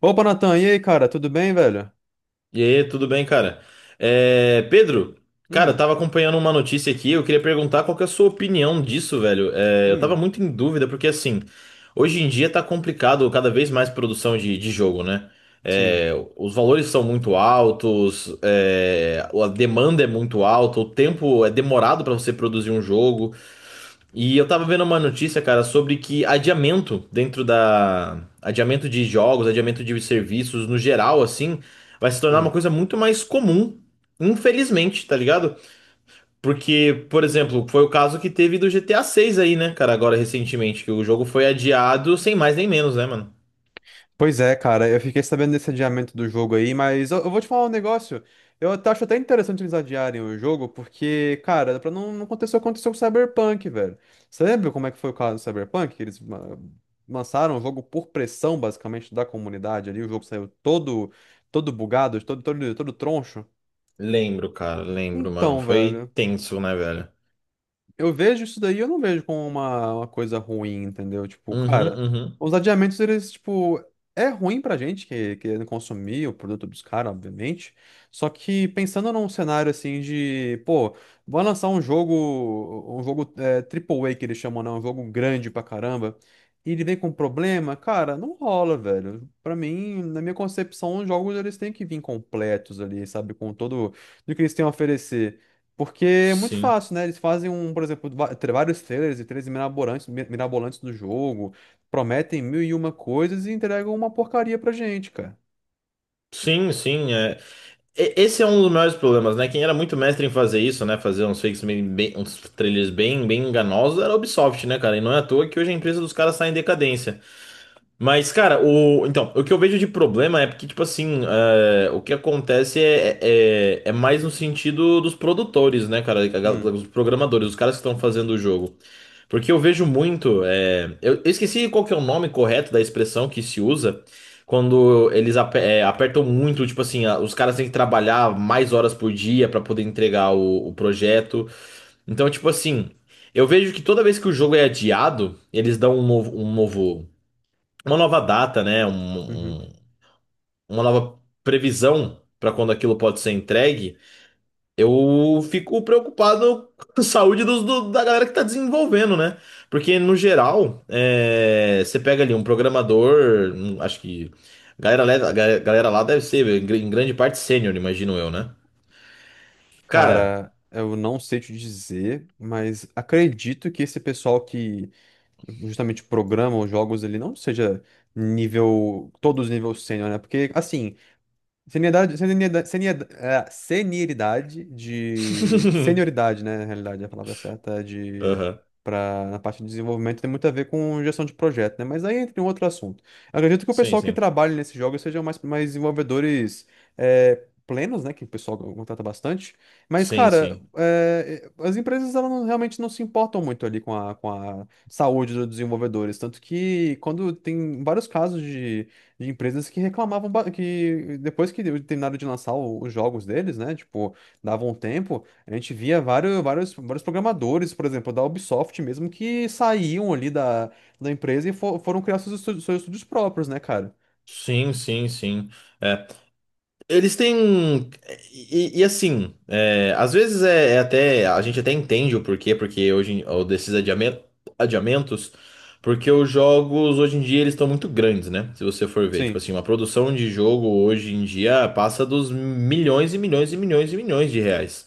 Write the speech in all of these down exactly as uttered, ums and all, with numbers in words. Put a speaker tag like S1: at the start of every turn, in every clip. S1: Opa, Natan, e aí, cara, tudo bem, velho?
S2: E aí, tudo bem, cara? É, Pedro, cara, eu
S1: Hum.
S2: tava acompanhando uma notícia aqui, eu queria perguntar qual que é a sua opinião disso, velho. É, eu tava
S1: Hum.
S2: muito em dúvida, porque assim, hoje em dia tá complicado cada vez mais produção de, de jogo, né?
S1: Sim.
S2: É, os valores são muito altos, é, a demanda é muito alta, o tempo é demorado pra você produzir um jogo. E eu tava vendo uma notícia, cara, sobre que adiamento dentro da. Adiamento de jogos, adiamento de serviços no geral, assim, vai se tornar uma
S1: Hum.
S2: coisa muito mais comum, infelizmente, tá ligado? Porque, por exemplo, foi o caso que teve do G T A seis aí, né, cara, agora recentemente, que o jogo foi adiado sem mais nem menos, né, mano?
S1: Pois é, cara, eu fiquei sabendo desse adiamento do jogo aí, mas eu, eu vou te falar um negócio. Eu até acho até interessante eles adiarem o jogo, porque, cara, pra não, não acontecer o que aconteceu com o Cyberpunk, velho. Você lembra como é que foi o caso do Cyberpunk? Que eles ah, lançaram o jogo por pressão, basicamente, da comunidade ali. O jogo saiu todo, todo bugado, todo, todo, todo troncho.
S2: Lembro, cara, lembro, mano.
S1: Então,
S2: Foi
S1: velho.
S2: tenso, né, velho?
S1: Eu vejo isso daí, eu não vejo como uma, uma coisa ruim, entendeu? Tipo,
S2: Uhum,
S1: cara,
S2: uhum.
S1: os adiamentos, eles, tipo, é ruim pra gente que querendo consumir o produto dos caras, obviamente. Só que pensando num cenário assim de, pô, vai lançar um jogo, um jogo é, Triple A que eles chamam, né? Um jogo grande pra caramba. E ele vem com problema, cara, não rola, velho. Pra mim, na minha concepção, os jogos eles têm que vir completos ali, sabe? Com todo o que eles têm a oferecer. Porque é muito
S2: Sim.
S1: fácil, né? Eles fazem um, por exemplo, va- tra- vários trailers e trailers mirabolantes, mi- mirabolantes do jogo, prometem mil e uma coisas e entregam uma porcaria pra gente, cara.
S2: Sim, sim. é, E- Esse é um dos maiores problemas, né? Quem era muito mestre em fazer isso, né? Fazer uns fakes meio bem, uns trailers bem, bem enganosos era a Ubisoft, né, cara? E não é à toa que hoje a empresa dos caras está em decadência. Mas, cara, o, então, o que eu vejo de problema é porque, tipo assim, é, o que acontece é, é, é é mais no sentido dos produtores, né, cara? A gal-
S1: Hum.
S2: Os programadores, os caras que estão fazendo o jogo. Porque eu vejo muito. é, Eu, eu esqueci qual que é o nome correto da expressão que se usa quando eles ape- é, apertam muito, tipo assim, a- os caras têm que trabalhar mais horas por dia pra poder entregar o, o projeto. Então, tipo assim, eu vejo que toda vez que o jogo é adiado, eles dão um novo, um novo- uma nova data, né?
S1: Uhum.
S2: um- um- uma nova previsão pra quando aquilo pode ser entregue. Eu fico preocupado com a saúde dos- do- da galera que está desenvolvendo, né? Porque, no geral, é, você pega ali um programador, um- acho que a galera, le- a ga- galera lá deve ser, em gr- em grande parte, sênior, imagino eu, né? Cara.
S1: Cara, eu não sei te dizer, mas acredito que esse pessoal que justamente programa os jogos ele não seja nível, todos nível sênior, né? Porque, assim, Senioridade, senioridade, senioridade, é, senioridade de. Senioridade, né? Na realidade, a palavra certa é de.
S2: Aham.
S1: Pra, na parte de desenvolvimento tem muito a ver com gestão de projeto, né? Mas aí entra em um outro assunto. Eu acredito que o
S2: Sim,
S1: pessoal que
S2: sim.
S1: trabalha nesses jogos sejam mais, mais desenvolvedores é, plenos, né? Que o pessoal contrata bastante. Mas,
S2: Sim,
S1: cara,
S2: sim.
S1: é, as empresas elas não- realmente não se importam muito ali com a, com a, saúde dos desenvolvedores. Tanto que quando tem vários casos de de empresas que reclamavam ba- que depois que terminaram de lançar o- os jogos deles, né? Tipo, davam um tempo, a gente via vários, vários, vários programadores, por exemplo, da Ubisoft mesmo, que saíam ali da, da empresa e fo- foram criar seus, estu- seus estúdios próprios, né, cara?
S2: Sim, sim, sim. Eles têm. um, E, e assim, é, às vezes é, é até. A gente até entende o porquê, porque hoje em- ou desses adiamen- adiamentos, porque os jogos hoje em dia eles estão muito grandes, né? Se você for ver. Tipo
S1: Sim.
S2: assim, uma produção de jogo hoje em dia passa dos milhões e milhões e milhões e milhões de reais.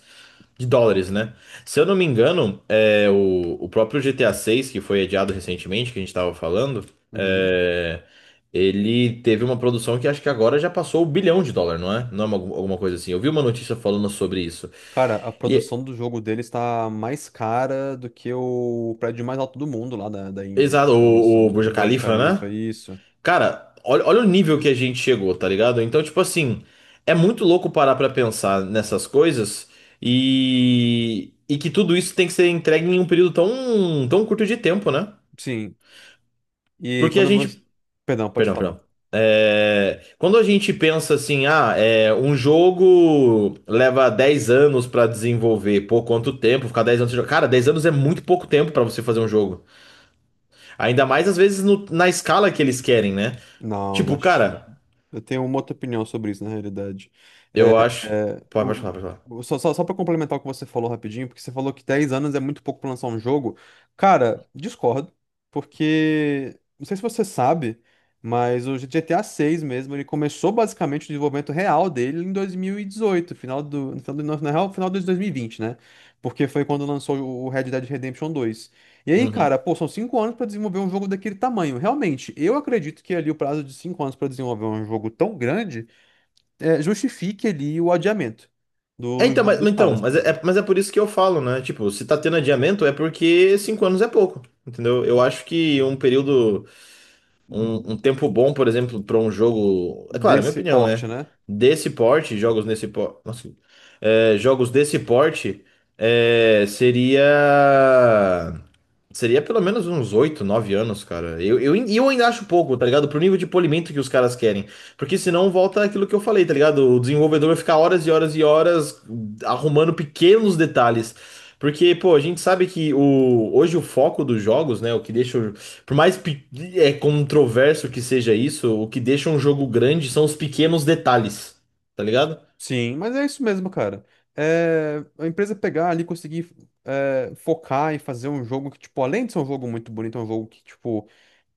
S2: De dólares, né? Se eu não me engano, é, o, o próprio G T A vi que foi adiado recentemente, que a gente tava falando.
S1: Uhum.
S2: é, ele teve uma produção que acho que agora já passou o bilhão de dólar, não é? Não é uma- alguma coisa assim. Eu vi uma notícia falando sobre isso.
S1: Cara, a
S2: E,
S1: produção do jogo deles tá mais cara do que o prédio mais alto do mundo lá da, da Índia, pra
S2: exato,
S1: você ter uma
S2: o,
S1: noção.
S2: o
S1: O
S2: Burj
S1: Burj
S2: Khalifa,
S1: Khalifa,
S2: né?
S1: isso.
S2: Cara, olha, olha o nível que a gente chegou, tá ligado? Então, tipo assim, é muito louco parar pra pensar nessas coisas e, e que tudo isso tem que ser entregue em um período tão, tão curto de tempo, né?
S1: Sim. E
S2: Porque a
S1: quando você.
S2: gente
S1: Perdão, pode
S2: Perdão,
S1: falar.
S2: perdão. É, quando a gente pensa assim, ah, é, um jogo leva dez anos pra desenvolver, pô, quanto tempo? Ficar dez anos sem jogar? Cara, dez anos é muito pouco tempo pra você fazer um jogo. Ainda mais às vezes no- na escala que eles querem, né?
S1: Não, não.
S2: Tipo, cara,
S1: Eu tenho uma outra opinião sobre isso, na realidade.
S2: eu acho.
S1: É,
S2: Pode, pode
S1: o,
S2: falar, pode falar.
S1: o- só só, só, para complementar o que você falou rapidinho, porque você falou que dez anos é muito pouco para lançar um jogo. Cara, discordo, porque não sei se você sabe, mas o G T A seis mesmo, ele começou basicamente o desenvolvimento real dele em dois mil e dezoito, final do, no final do, na real, final de dois mil e vinte, né? Porque foi quando lançou o Red Dead Redemption dois. E aí, cara,
S2: Uhum.
S1: pô, são cinco anos pra desenvolver um jogo daquele tamanho. Realmente, eu acredito que ali o prazo de cinco anos pra desenvolver um jogo tão grande é, justifique ali o adiamento do,
S2: É,
S1: do
S2: então,
S1: jogo
S2: mas,
S1: dos
S2: então,
S1: caras, por
S2: mas é,
S1: exemplo.
S2: é- mas é por isso que eu falo, né? Tipo, se tá tendo adiamento é porque cinco anos é pouco, entendeu? Eu acho que um período. Um, um tempo bom, por exemplo, para um jogo. É claro, é minha
S1: Desse
S2: opinião,
S1: porte,
S2: né?
S1: né?
S2: Desse porte, jogos nesse porte. Nossa, é, jogos desse porte é, seria. Seria pelo menos uns oito nove anos, cara. Eu, eu, e eu ainda acho pouco, tá ligado? Pro nível de polimento que os caras querem. Porque senão volta aquilo que eu falei, tá ligado? O desenvolvedor vai ficar horas e horas e horas arrumando pequenos detalhes. Porque, pô, a gente sabe que o, hoje o foco dos jogos, né? O que deixa. O- Por mais pe- é controverso que seja isso, o que deixa um jogo grande são os pequenos detalhes, tá ligado?
S1: Sim, mas é isso mesmo, cara. É, a empresa pegar ali, conseguir é, focar e fazer um jogo que, tipo, além de ser um jogo muito bonito, é um jogo que, tipo,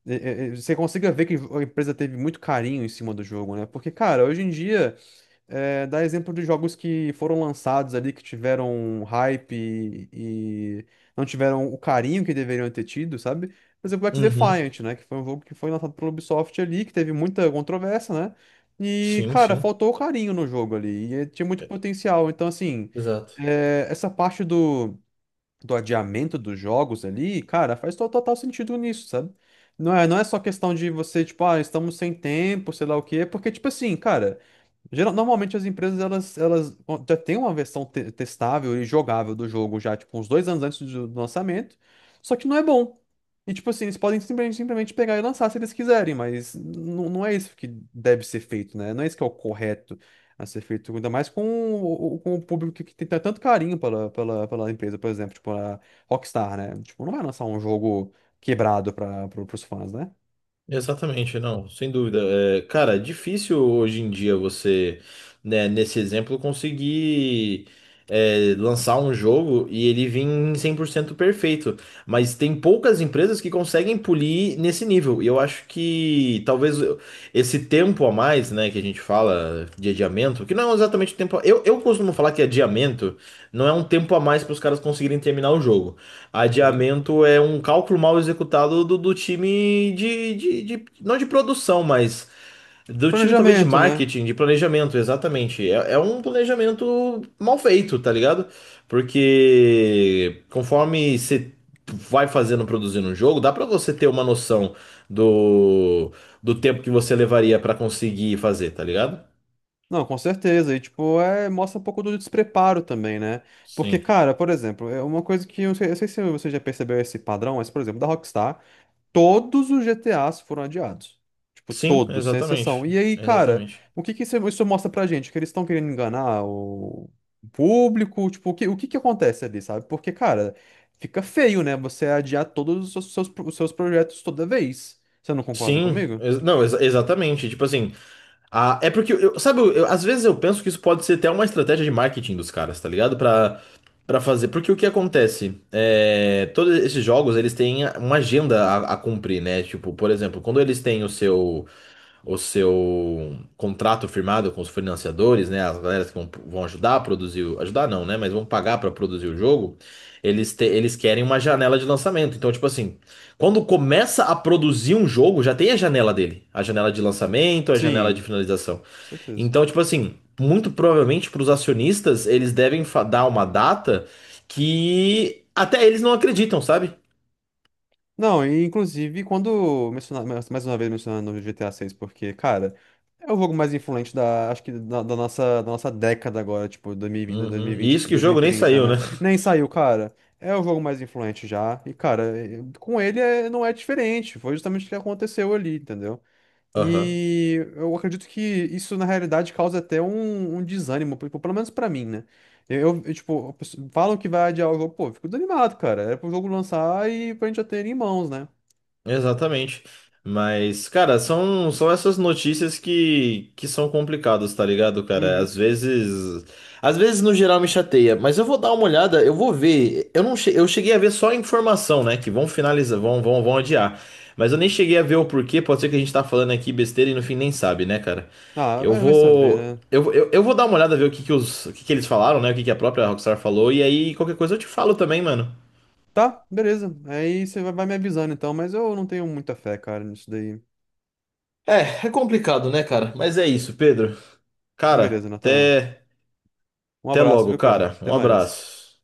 S1: é- é- é, você consiga ver que a empresa teve muito carinho em cima do jogo, né? Porque, cara, hoje em dia. É, dá exemplo de jogos que foram lançados ali, que tiveram hype e, e não tiveram o carinho que deveriam ter tido, sabe? Por exemplo, o
S2: Uhum.
S1: X-Defiant, né? Que foi um jogo que foi lançado pela Ubisoft ali, que teve muita controvérsia, né? E,
S2: Sim,
S1: cara,
S2: sim.
S1: faltou o carinho no jogo ali. E eh, tinha muito potencial. Então, assim,
S2: Exato.
S1: eh, essa parte do, do adiamento dos jogos ali, cara, faz to- total sentido nisso, sabe? Não é, não é só questão de você, tipo, ah, estamos sem tempo, sei lá o quê, porque, tipo assim, cara. Geral- Normalmente as empresas elas, elas já têm uma versão te- testável e jogável do jogo já, tipo, uns dois anos antes do do lançamento, só que não é bom. E, tipo assim, eles podem simplesmente, simplesmente pegar e lançar se eles quiserem, mas n- não é isso que deve ser feito, né? Não é isso que é o correto a ser feito, ainda mais com o, o- com o público que, que tem tanto carinho pela, pela, pela empresa, por exemplo, tipo a Rockstar, né? Tipo, não vai lançar um jogo quebrado para os fãs, né?
S2: Exatamente, não, sem dúvida. É, cara, é difícil hoje em dia você, né, nesse exemplo, conseguir é, lançar um jogo e ele vir em cem por cento perfeito. Mas tem poucas empresas que conseguem polir nesse nível. E eu acho que talvez eu- esse tempo a mais, né, que a gente fala de adiamento, que não é exatamente o tempo. Eu, eu costumo falar que adiamento não é um tempo a mais para os caras conseguirem terminar o jogo.
S1: Uhum.
S2: Adiamento é um cálculo mal executado do, do time de, de, de- Não de produção, mas do time talvez de
S1: Planejamento, né?
S2: marketing, de planejamento, exatamente. É, é um planejamento mal feito, tá ligado? Porque conforme você vai fazendo, produzindo um jogo, dá pra você ter uma noção do, do tempo que você levaria pra conseguir fazer, tá ligado?
S1: Não, com certeza. E, tipo, é, mostra um pouco do despreparo também, né? Porque,
S2: Sim.
S1: cara, por exemplo, é uma coisa que eu, sei- eu sei se você já percebeu esse padrão, mas, por exemplo, da Rockstar, todos os G T As foram adiados. Tipo,
S2: Sim,
S1: todos, sem
S2: exatamente.
S1: exceção. E aí, cara,
S2: Exatamente.
S1: o que que isso, isso mostra pra gente? Que eles estão querendo enganar o público? Tipo, o que, o que que acontece ali, sabe? Porque, cara, fica feio, né? Você adiar todos os seus, os seus projetos toda vez. Você não concorda
S2: Sim,
S1: comigo?
S2: ex- não, ex- exatamente. Tipo assim, a- é porque, eu, eu- sabe, eu- eu- às vezes eu penso que isso pode ser até uma estratégia de marketing dos caras, tá ligado? Pra, pra fazer. Porque o que acontece? É, todos esses jogos, eles têm uma agenda a, a cumprir, né? Tipo, por exemplo, quando eles têm o seu o seu contrato firmado com os financiadores, né, as galeras que vão, vão ajudar a produzir, o- ajudar não, né, mas vão pagar para produzir o jogo, eles, te- eles querem uma janela de lançamento. Então, tipo assim, quando começa a produzir um jogo, já tem a janela dele, a janela de lançamento, a janela
S1: Sim,
S2: de
S1: com
S2: finalização.
S1: certeza.
S2: Então, tipo assim, muito provavelmente para os acionistas, eles devem fa- dar uma data que até eles não acreditam, sabe?
S1: Não, e, inclusive, quando mencionar, mais mais uma vez mencionando o G T A seis, porque, cara, é o jogo mais influente da, acho que da, da nossa, da nossa década agora, tipo, dois mil e vinte,
S2: Uhum. E
S1: dois mil e vinte,
S2: isso que o jogo nem
S1: dois mil e trinta,
S2: saiu,
S1: né?
S2: né?
S1: Nem saiu, cara. É o jogo mais influente já. E, cara, eh, com ele é- não é diferente. Foi justamente o que aconteceu ali, entendeu?
S2: Aham.
S1: E eu acredito que isso, na realidade, causa até um, um desânimo, tipo, pelo menos pra mim, né? Eu, eu, tipo, a pessoa- falam que vai adiar o jogo, pô, eu fico desanimado, cara. Era pro jogo lançar e pra gente já ter ele em mãos, né?
S2: Exatamente. Mas, cara, são, são essas notícias que, que são complicadas, tá ligado, cara? Às
S1: Uhum.
S2: vezes. Às vezes, no geral, me chateia, mas eu vou dar uma olhada, eu vou ver. Eu não che- eu cheguei a ver só a informação, né? Que vão finalizar, vão, vão, vão adiar. Mas eu nem cheguei a ver o porquê, pode ser que a gente tá falando aqui besteira e no fim nem sabe, né, cara?
S1: Ah,
S2: Eu
S1: vai, vai saber,
S2: vou.
S1: né?
S2: Eu, eu, eu vou dar uma olhada, ver o que, que, os, o que, que eles falaram, né? O que, que a própria Rockstar falou, e aí qualquer coisa eu te falo também, mano.
S1: Tá, beleza. Aí você vai vai me avisando então, mas eu não tenho muita fé, cara, nisso daí.
S2: É, é complicado, né, cara? Mas é isso, Pedro.
S1: Então, beleza,
S2: Cara,
S1: Nathan.
S2: até,
S1: Um
S2: até
S1: abraço,
S2: logo,
S1: viu, cara?
S2: cara.
S1: Até
S2: Um
S1: mais.
S2: abraço.